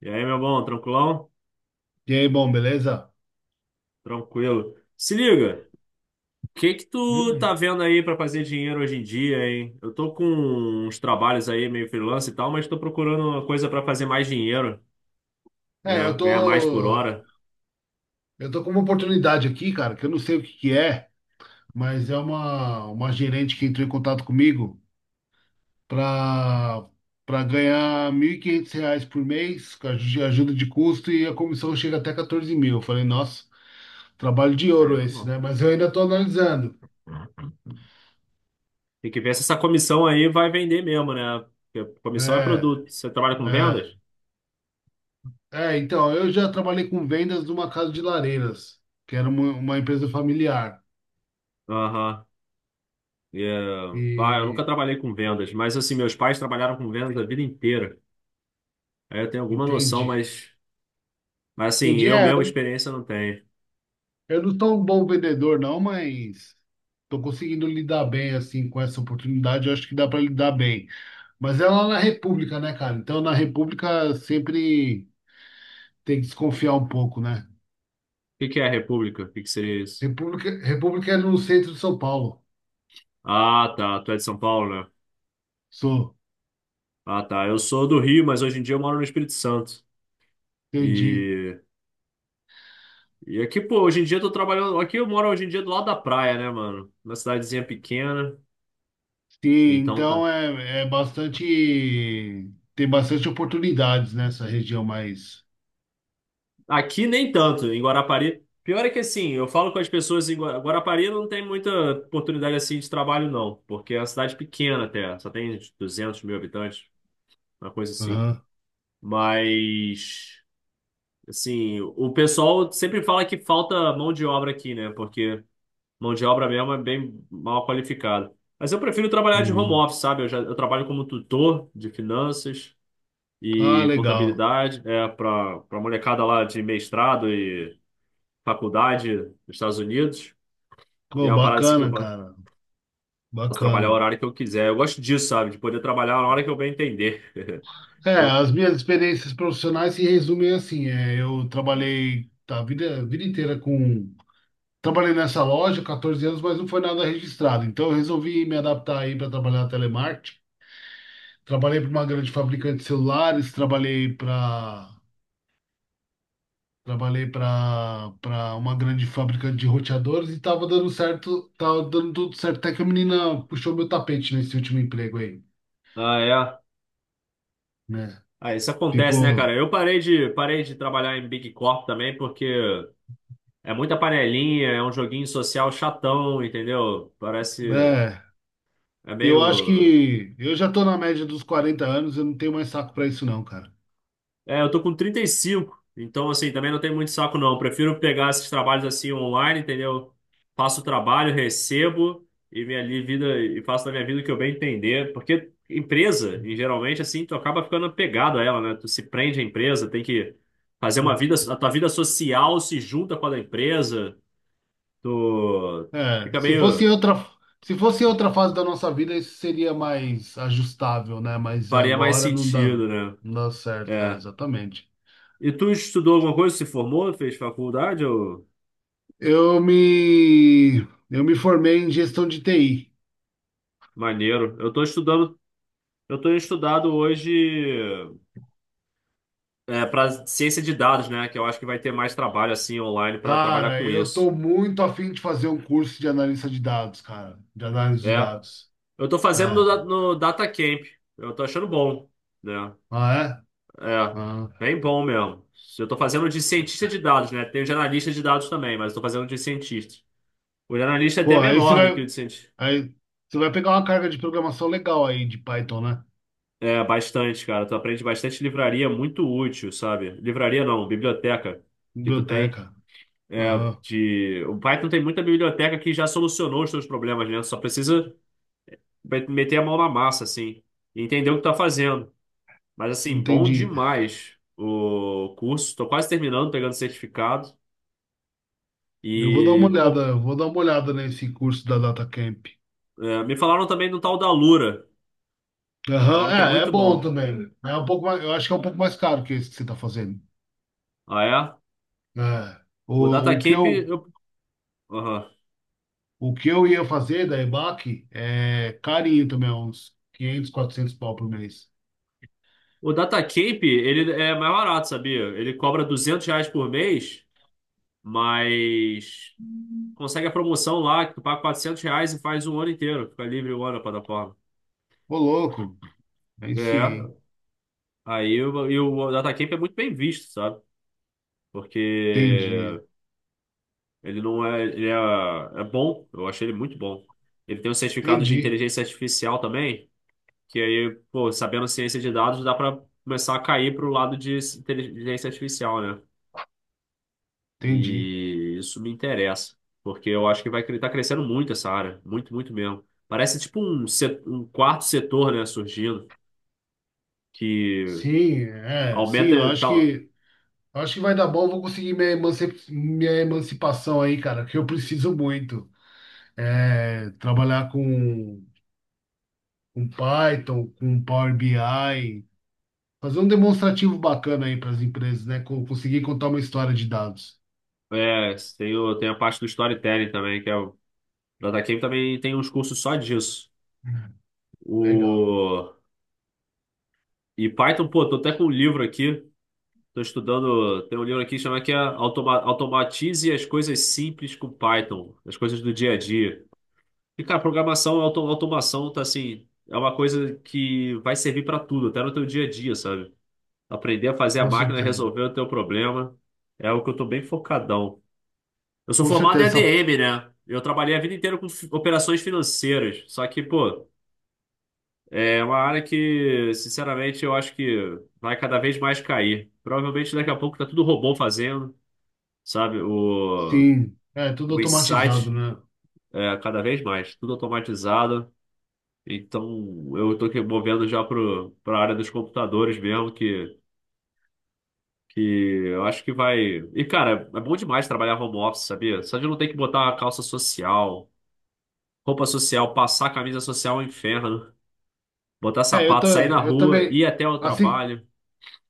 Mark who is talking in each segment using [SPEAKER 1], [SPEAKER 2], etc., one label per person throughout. [SPEAKER 1] E aí, meu bom, tranquilão?
[SPEAKER 2] E aí, bom, beleza?
[SPEAKER 1] Tranquilo. Se liga, o que que tu tá
[SPEAKER 2] Hum.
[SPEAKER 1] vendo aí pra fazer dinheiro hoje em dia, hein? Eu tô com uns trabalhos aí meio freelance e tal, mas tô procurando uma coisa pra fazer mais dinheiro,
[SPEAKER 2] É, eu
[SPEAKER 1] né? Ganhar mais por
[SPEAKER 2] tô,
[SPEAKER 1] hora.
[SPEAKER 2] eu tô com uma oportunidade aqui, cara, que eu não sei o que que é, mas é uma gerente que entrou em contato comigo para para ganhar R$ 1.500 por mês, com a ajuda de custo, e a comissão chega até 14 mil. Eu falei, nossa, trabalho de
[SPEAKER 1] Aí,
[SPEAKER 2] ouro esse,
[SPEAKER 1] vamos.
[SPEAKER 2] né? Mas eu ainda tô analisando.
[SPEAKER 1] Tem que ver se essa comissão aí vai vender mesmo, né? Porque comissão é
[SPEAKER 2] É,
[SPEAKER 1] produto. Você trabalha com
[SPEAKER 2] é.
[SPEAKER 1] vendas?
[SPEAKER 2] É, então, eu já trabalhei com vendas numa casa de lareiras, que era uma empresa familiar.
[SPEAKER 1] Aham. E, eh, pá, eu nunca
[SPEAKER 2] E
[SPEAKER 1] trabalhei com vendas, mas assim, meus pais trabalharam com vendas a vida inteira. Aí eu tenho alguma noção,
[SPEAKER 2] entendi.
[SPEAKER 1] mas assim,
[SPEAKER 2] Entendi.
[SPEAKER 1] eu
[SPEAKER 2] É,
[SPEAKER 1] mesmo experiência não tenho.
[SPEAKER 2] eu não sou um bom vendedor, não, mas estou conseguindo lidar bem assim com essa oportunidade. Eu acho que dá para lidar bem. Mas é lá na República, né, cara? Então, na República sempre tem que desconfiar um pouco, né?
[SPEAKER 1] Que é a República? O que que seria isso?
[SPEAKER 2] República é no centro de São Paulo.
[SPEAKER 1] Ah, tá. Tu é de São Paulo, né?
[SPEAKER 2] Sou,
[SPEAKER 1] Ah, tá. Eu sou do Rio, mas hoje em dia eu moro no Espírito Santo.
[SPEAKER 2] entendi.
[SPEAKER 1] E, e aqui, pô, hoje em dia eu tô trabalhando. Aqui eu moro hoje em dia do lado da praia, né, mano? Uma cidadezinha pequena.
[SPEAKER 2] Sim,
[SPEAKER 1] Então tá.
[SPEAKER 2] então é bastante. Tem bastante oportunidades nessa região mais.
[SPEAKER 1] Aqui nem tanto, em Guarapari. Pior é que assim, eu falo com as pessoas em Guarapari não tem muita oportunidade assim de trabalho, não. Porque é uma cidade pequena até. Só tem 200 mil habitantes, uma coisa assim.
[SPEAKER 2] Aham.
[SPEAKER 1] Mas. Assim, o pessoal sempre fala que falta mão de obra aqui, né? Porque mão de obra mesmo é bem mal qualificada. Mas eu prefiro trabalhar de home
[SPEAKER 2] Uhum.
[SPEAKER 1] office, sabe? Eu já eu trabalho como tutor de finanças
[SPEAKER 2] Ah,
[SPEAKER 1] e
[SPEAKER 2] legal.
[SPEAKER 1] contabilidade, é, para molecada lá de mestrado e faculdade nos Estados Unidos. E é
[SPEAKER 2] Pô,
[SPEAKER 1] uma parada assim que eu
[SPEAKER 2] bacana, cara.
[SPEAKER 1] posso trabalhar o
[SPEAKER 2] Bacana.
[SPEAKER 1] horário que eu quiser. Eu gosto disso, sabe? De poder trabalhar a hora que eu bem entender.
[SPEAKER 2] É, as
[SPEAKER 1] Eu-
[SPEAKER 2] minhas experiências profissionais se resumem assim. É, eu trabalhei a vida inteira com. Trabalhei nessa loja 14 anos, mas não foi nada registrado. Então eu resolvi me adaptar aí para trabalhar telemarketing. Trabalhei para uma grande fabricante de celulares, trabalhei para uma grande fabricante de roteadores e estava dando certo, tava dando tudo certo. Até que a menina puxou meu tapete nesse último emprego aí,
[SPEAKER 1] Ah, é.
[SPEAKER 2] né?
[SPEAKER 1] Ah, isso acontece, né, cara?
[SPEAKER 2] Ficou.
[SPEAKER 1] Eu parei de trabalhar em Big Corp também porque é muita panelinha, é um joguinho social chatão, entendeu? Parece.
[SPEAKER 2] É.
[SPEAKER 1] É
[SPEAKER 2] Eu acho
[SPEAKER 1] meio.
[SPEAKER 2] que eu já tô na média dos 40 anos, eu não tenho mais saco pra isso não, cara.
[SPEAKER 1] É, eu tô com 35, então assim, também não tem muito saco não. Prefiro pegar esses trabalhos assim online, entendeu? Faço o trabalho, recebo e minha vida e faço da minha vida o que eu bem entender, porque empresa, em geralmente assim, tu acaba ficando pegado a ela, né? Tu se prende à empresa, tem que fazer uma vida, a tua vida social se junta com a da empresa, tu
[SPEAKER 2] É,
[SPEAKER 1] fica meio
[SPEAKER 2] se fosse outra fase da nossa vida, isso seria mais ajustável, né? Mas
[SPEAKER 1] faria mais
[SPEAKER 2] agora não dá,
[SPEAKER 1] sentido, né?
[SPEAKER 2] não dá certo, é,
[SPEAKER 1] É.
[SPEAKER 2] exatamente.
[SPEAKER 1] E tu estudou alguma coisa? Se formou? Fez faculdade? Ou...
[SPEAKER 2] Eu me, eu me formei em gestão de TI.
[SPEAKER 1] Maneiro. Eu tô estudado hoje é, para ciência de dados, né? Que eu acho que vai ter mais trabalho assim online para trabalhar
[SPEAKER 2] Cara,
[SPEAKER 1] com
[SPEAKER 2] eu
[SPEAKER 1] isso.
[SPEAKER 2] tô muito afim de fazer um curso de analista de dados, cara, de análise de
[SPEAKER 1] É.
[SPEAKER 2] dados.
[SPEAKER 1] Eu tô fazendo
[SPEAKER 2] É.
[SPEAKER 1] no Data Camp. Eu tô achando bom, né?
[SPEAKER 2] Ah, é?
[SPEAKER 1] É,
[SPEAKER 2] Ah.
[SPEAKER 1] bem bom mesmo. Eu tô fazendo de cientista de dados, né? Tem o de analista de dados também, mas eu tô fazendo de cientista. O de analista é até
[SPEAKER 2] Pô,
[SPEAKER 1] menor do que o de cientista.
[SPEAKER 2] aí você vai pegar uma carga de programação legal aí de Python, né?
[SPEAKER 1] É, bastante, cara. Tu aprende bastante livraria, muito útil, sabe? Livraria não, biblioteca que tu tem.
[SPEAKER 2] Biblioteca.
[SPEAKER 1] É,
[SPEAKER 2] Aham,
[SPEAKER 1] de... O Python tem muita biblioteca que já solucionou os teus problemas, né? Só precisa meter a mão na massa, assim, e entender o que tá fazendo. Mas, assim, bom
[SPEAKER 2] entendi.
[SPEAKER 1] demais o curso. Tô quase terminando, pegando certificado. E, pô,
[SPEAKER 2] Eu vou dar uma olhada nesse curso da DataCamp.
[SPEAKER 1] é, me falaram também do tal da Lura.
[SPEAKER 2] Aham,
[SPEAKER 1] Falaram que é
[SPEAKER 2] é, é
[SPEAKER 1] muito
[SPEAKER 2] bom
[SPEAKER 1] bom.
[SPEAKER 2] também. Eu acho que é um pouco mais caro que esse que você está fazendo.
[SPEAKER 1] Ah, é?
[SPEAKER 2] É.
[SPEAKER 1] O
[SPEAKER 2] O, o que
[SPEAKER 1] DataCamp,
[SPEAKER 2] eu,
[SPEAKER 1] eu... Aham.
[SPEAKER 2] o que eu ia fazer da EBAC é carinho também, é uns 500 400 pau por mês.
[SPEAKER 1] O DataCamp, ele é mais barato, sabia? Ele cobra 200 reais por mês, mas consegue a promoção lá, que tu paga 400 reais e faz um ano inteiro. Fica livre o ano na plataforma.
[SPEAKER 2] Ô, louco, aí sim,
[SPEAKER 1] É,
[SPEAKER 2] hein?
[SPEAKER 1] aí o, e o DataCamp é muito bem visto, sabe? Porque
[SPEAKER 2] Entendi,
[SPEAKER 1] ele não é, ele é, é bom, eu achei ele muito bom. Ele tem um certificado de
[SPEAKER 2] entendi,
[SPEAKER 1] inteligência artificial também, que aí, pô, sabendo ciência de dados, dá pra começar a cair pro lado de inteligência artificial, né?
[SPEAKER 2] entendi.
[SPEAKER 1] E isso me interessa, porque eu acho que vai estar crescendo muito essa área, muito, muito mesmo. Parece tipo um, um quarto setor, né, surgindo, que
[SPEAKER 2] Sim, é, sim, eu
[SPEAKER 1] aumenta
[SPEAKER 2] acho
[SPEAKER 1] tal.
[SPEAKER 2] que eu acho que vai dar bom, eu vou conseguir emanci- minha emancipação aí, cara, que eu preciso muito. É, trabalhar com Python, com Power BI, fazer um demonstrativo bacana aí para as empresas, né? Conseguir contar uma história de dados.
[SPEAKER 1] É, tem, tem a parte do storytelling também, que é o da Datacamp também tem uns cursos só disso.
[SPEAKER 2] Legal,
[SPEAKER 1] O, e Python, pô, tô até com um livro aqui, tô estudando, tem um livro aqui que chama que é Automatize as coisas simples com Python, as coisas do dia a dia. E, cara, programação, automação, tá assim, é uma coisa que vai servir pra tudo, até no teu dia a dia, sabe? Aprender a fazer a
[SPEAKER 2] com
[SPEAKER 1] máquina
[SPEAKER 2] certeza.
[SPEAKER 1] resolver o teu problema é o que eu tô bem focadão. Eu sou
[SPEAKER 2] Com
[SPEAKER 1] formado em
[SPEAKER 2] certeza,
[SPEAKER 1] ADM, né? Eu trabalhei a vida inteira com operações financeiras, só que, pô, é uma área que, sinceramente, eu acho que vai cada vez mais cair. Provavelmente daqui a pouco tá tudo robô fazendo, sabe? O,
[SPEAKER 2] sim. É tudo
[SPEAKER 1] o
[SPEAKER 2] automatizado,
[SPEAKER 1] insight,
[SPEAKER 2] né?
[SPEAKER 1] é, cada vez mais, tudo automatizado. Então, eu estou movendo já para a área dos computadores mesmo, que eu acho que vai. E, cara, é bom demais trabalhar home office, sabia? Só de não ter que botar uma calça social, roupa social, passar camisa social é um inferno, botar
[SPEAKER 2] É, eu, ta-
[SPEAKER 1] sapato, sair na
[SPEAKER 2] eu
[SPEAKER 1] rua,
[SPEAKER 2] também,
[SPEAKER 1] ir até o
[SPEAKER 2] assim,
[SPEAKER 1] trabalho.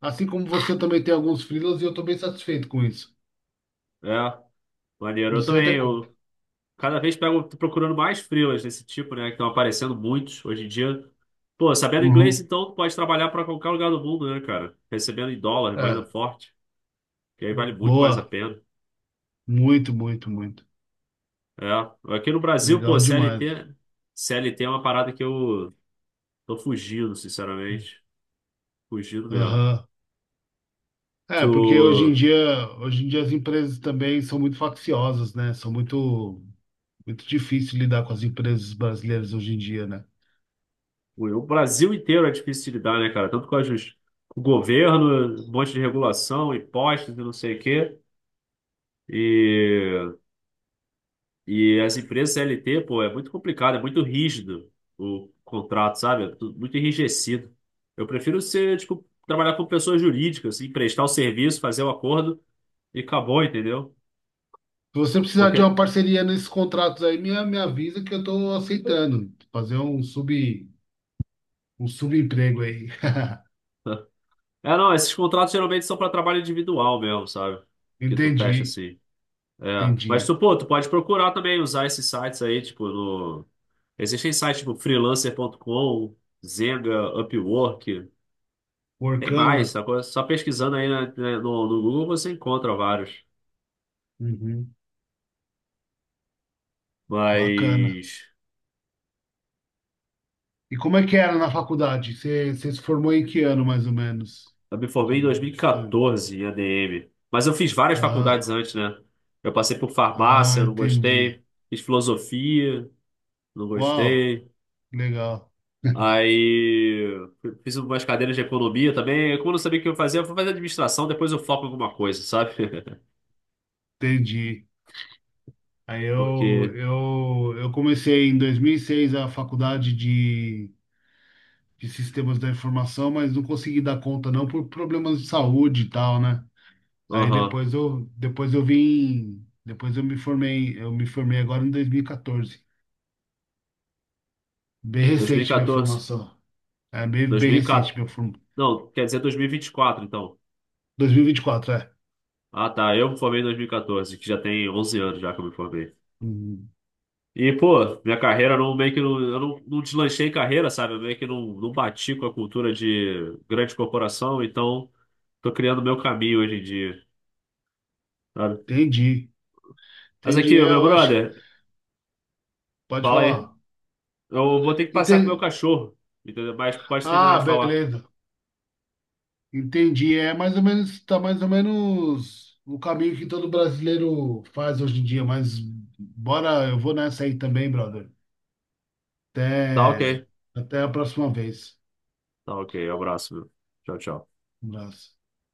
[SPEAKER 2] assim como você eu também tem alguns freelas e eu tô bem satisfeito com isso.
[SPEAKER 1] É, maneiro.
[SPEAKER 2] Não
[SPEAKER 1] Eu
[SPEAKER 2] sei
[SPEAKER 1] também,
[SPEAKER 2] até. Co-
[SPEAKER 1] eu cada vez pego, tô procurando mais freelas desse tipo, né, que estão aparecendo muitos hoje em dia. Pô, sabendo inglês,
[SPEAKER 2] Uhum.
[SPEAKER 1] então, tu pode trabalhar para qualquer lugar do mundo, né, cara? Recebendo em dólar, moeda
[SPEAKER 2] É,
[SPEAKER 1] forte, que aí vale muito mais a
[SPEAKER 2] boa.
[SPEAKER 1] pena.
[SPEAKER 2] Muito, muito, muito.
[SPEAKER 1] É, aqui no Brasil, pô,
[SPEAKER 2] Legal demais.
[SPEAKER 1] CLT, CLT é uma parada que eu tô fugindo, sinceramente. Fugindo mesmo.
[SPEAKER 2] Aham.
[SPEAKER 1] Tu,
[SPEAKER 2] É, porque hoje em dia as empresas também são muito facciosas, né? São muito, muito difícil lidar com as empresas brasileiras hoje em dia, né?
[SPEAKER 1] o Brasil inteiro é difícil de lidar, né, cara? Tanto com a justiça, o governo, um monte de regulação, impostos e não sei o quê. E, e as empresas CLT, pô, é muito complicado, é muito rígido o contrato, sabe? É tudo muito enrijecido. Eu prefiro ser, tipo, trabalhar com pessoas jurídicas, assim, prestar o serviço, fazer o acordo e acabou, entendeu?
[SPEAKER 2] Se você precisar de
[SPEAKER 1] Porque.
[SPEAKER 2] uma parceria nesses contratos aí, me avisa que eu tô aceitando. Um subemprego aí.
[SPEAKER 1] É, não, esses contratos geralmente são para trabalho individual mesmo, sabe? Que tu fecha
[SPEAKER 2] Entendi,
[SPEAKER 1] assim. É. Mas
[SPEAKER 2] entendi.
[SPEAKER 1] tu, pô, tu pode procurar também usar esses sites aí, tipo, no. Existem sites tipo freelancer.com, Zenga, Upwork, tem mais,
[SPEAKER 2] Workana.
[SPEAKER 1] sacou? Só pesquisando aí no Google você encontra vários.
[SPEAKER 2] Uhum. Bacana.
[SPEAKER 1] Mas
[SPEAKER 2] E como é que era na faculdade? Você se formou em que ano, mais ou menos?
[SPEAKER 1] eu me formei em
[SPEAKER 2] Entendeu?
[SPEAKER 1] 2014 em ADM. Mas eu fiz várias faculdades
[SPEAKER 2] Ah,
[SPEAKER 1] antes, né? Eu passei por
[SPEAKER 2] ah,
[SPEAKER 1] farmácia, não
[SPEAKER 2] entendi.
[SPEAKER 1] gostei. Fiz filosofia, não
[SPEAKER 2] Uau,
[SPEAKER 1] gostei.
[SPEAKER 2] legal,
[SPEAKER 1] Aí fiz umas cadeiras de economia também. Como eu não sabia o que eu fazia, eu fui fazer administração, depois eu foco em alguma coisa, sabe?
[SPEAKER 2] entendi. Aí eu,
[SPEAKER 1] Porque,
[SPEAKER 2] eu, eu comecei em 2006 a faculdade de Sistemas da Informação, mas não consegui dar conta não por problemas de saúde e tal, né? Aí
[SPEAKER 1] aham,
[SPEAKER 2] depois eu vim, depois eu me formei agora em 2014. Bem recente minha
[SPEAKER 1] 2014,
[SPEAKER 2] formação. É bem, bem recente
[SPEAKER 1] 2014,
[SPEAKER 2] minha formação.
[SPEAKER 1] não, quer dizer 2024, então.
[SPEAKER 2] 2024, é.
[SPEAKER 1] Ah, tá, eu me formei em 2014, que já tem 11 anos já que eu me formei.
[SPEAKER 2] Hum,
[SPEAKER 1] E, pô, minha carreira não, meio que não, eu não deslanchei em carreira, sabe? Eu meio que não bati com a cultura de grande corporação, então tô criando meu caminho hoje em dia, sabe?
[SPEAKER 2] Entendi,
[SPEAKER 1] Mas aqui,
[SPEAKER 2] entendi. É,
[SPEAKER 1] meu
[SPEAKER 2] eu acho que
[SPEAKER 1] brother,
[SPEAKER 2] pode
[SPEAKER 1] fala aí.
[SPEAKER 2] falar.
[SPEAKER 1] Eu vou ter que passar com o meu
[SPEAKER 2] Enten-
[SPEAKER 1] cachorro, entendeu? Mas pode terminar
[SPEAKER 2] Ah,
[SPEAKER 1] de falar.
[SPEAKER 2] beleza. Entendi. É mais ou menos, tá mais ou menos o caminho que todo brasileiro faz hoje em dia, mas bora, eu vou nessa aí também, brother.
[SPEAKER 1] Tá ok.
[SPEAKER 2] Até, até a próxima vez.
[SPEAKER 1] Tá ok. Abraço, meu. Tchau, tchau.
[SPEAKER 2] Um abraço.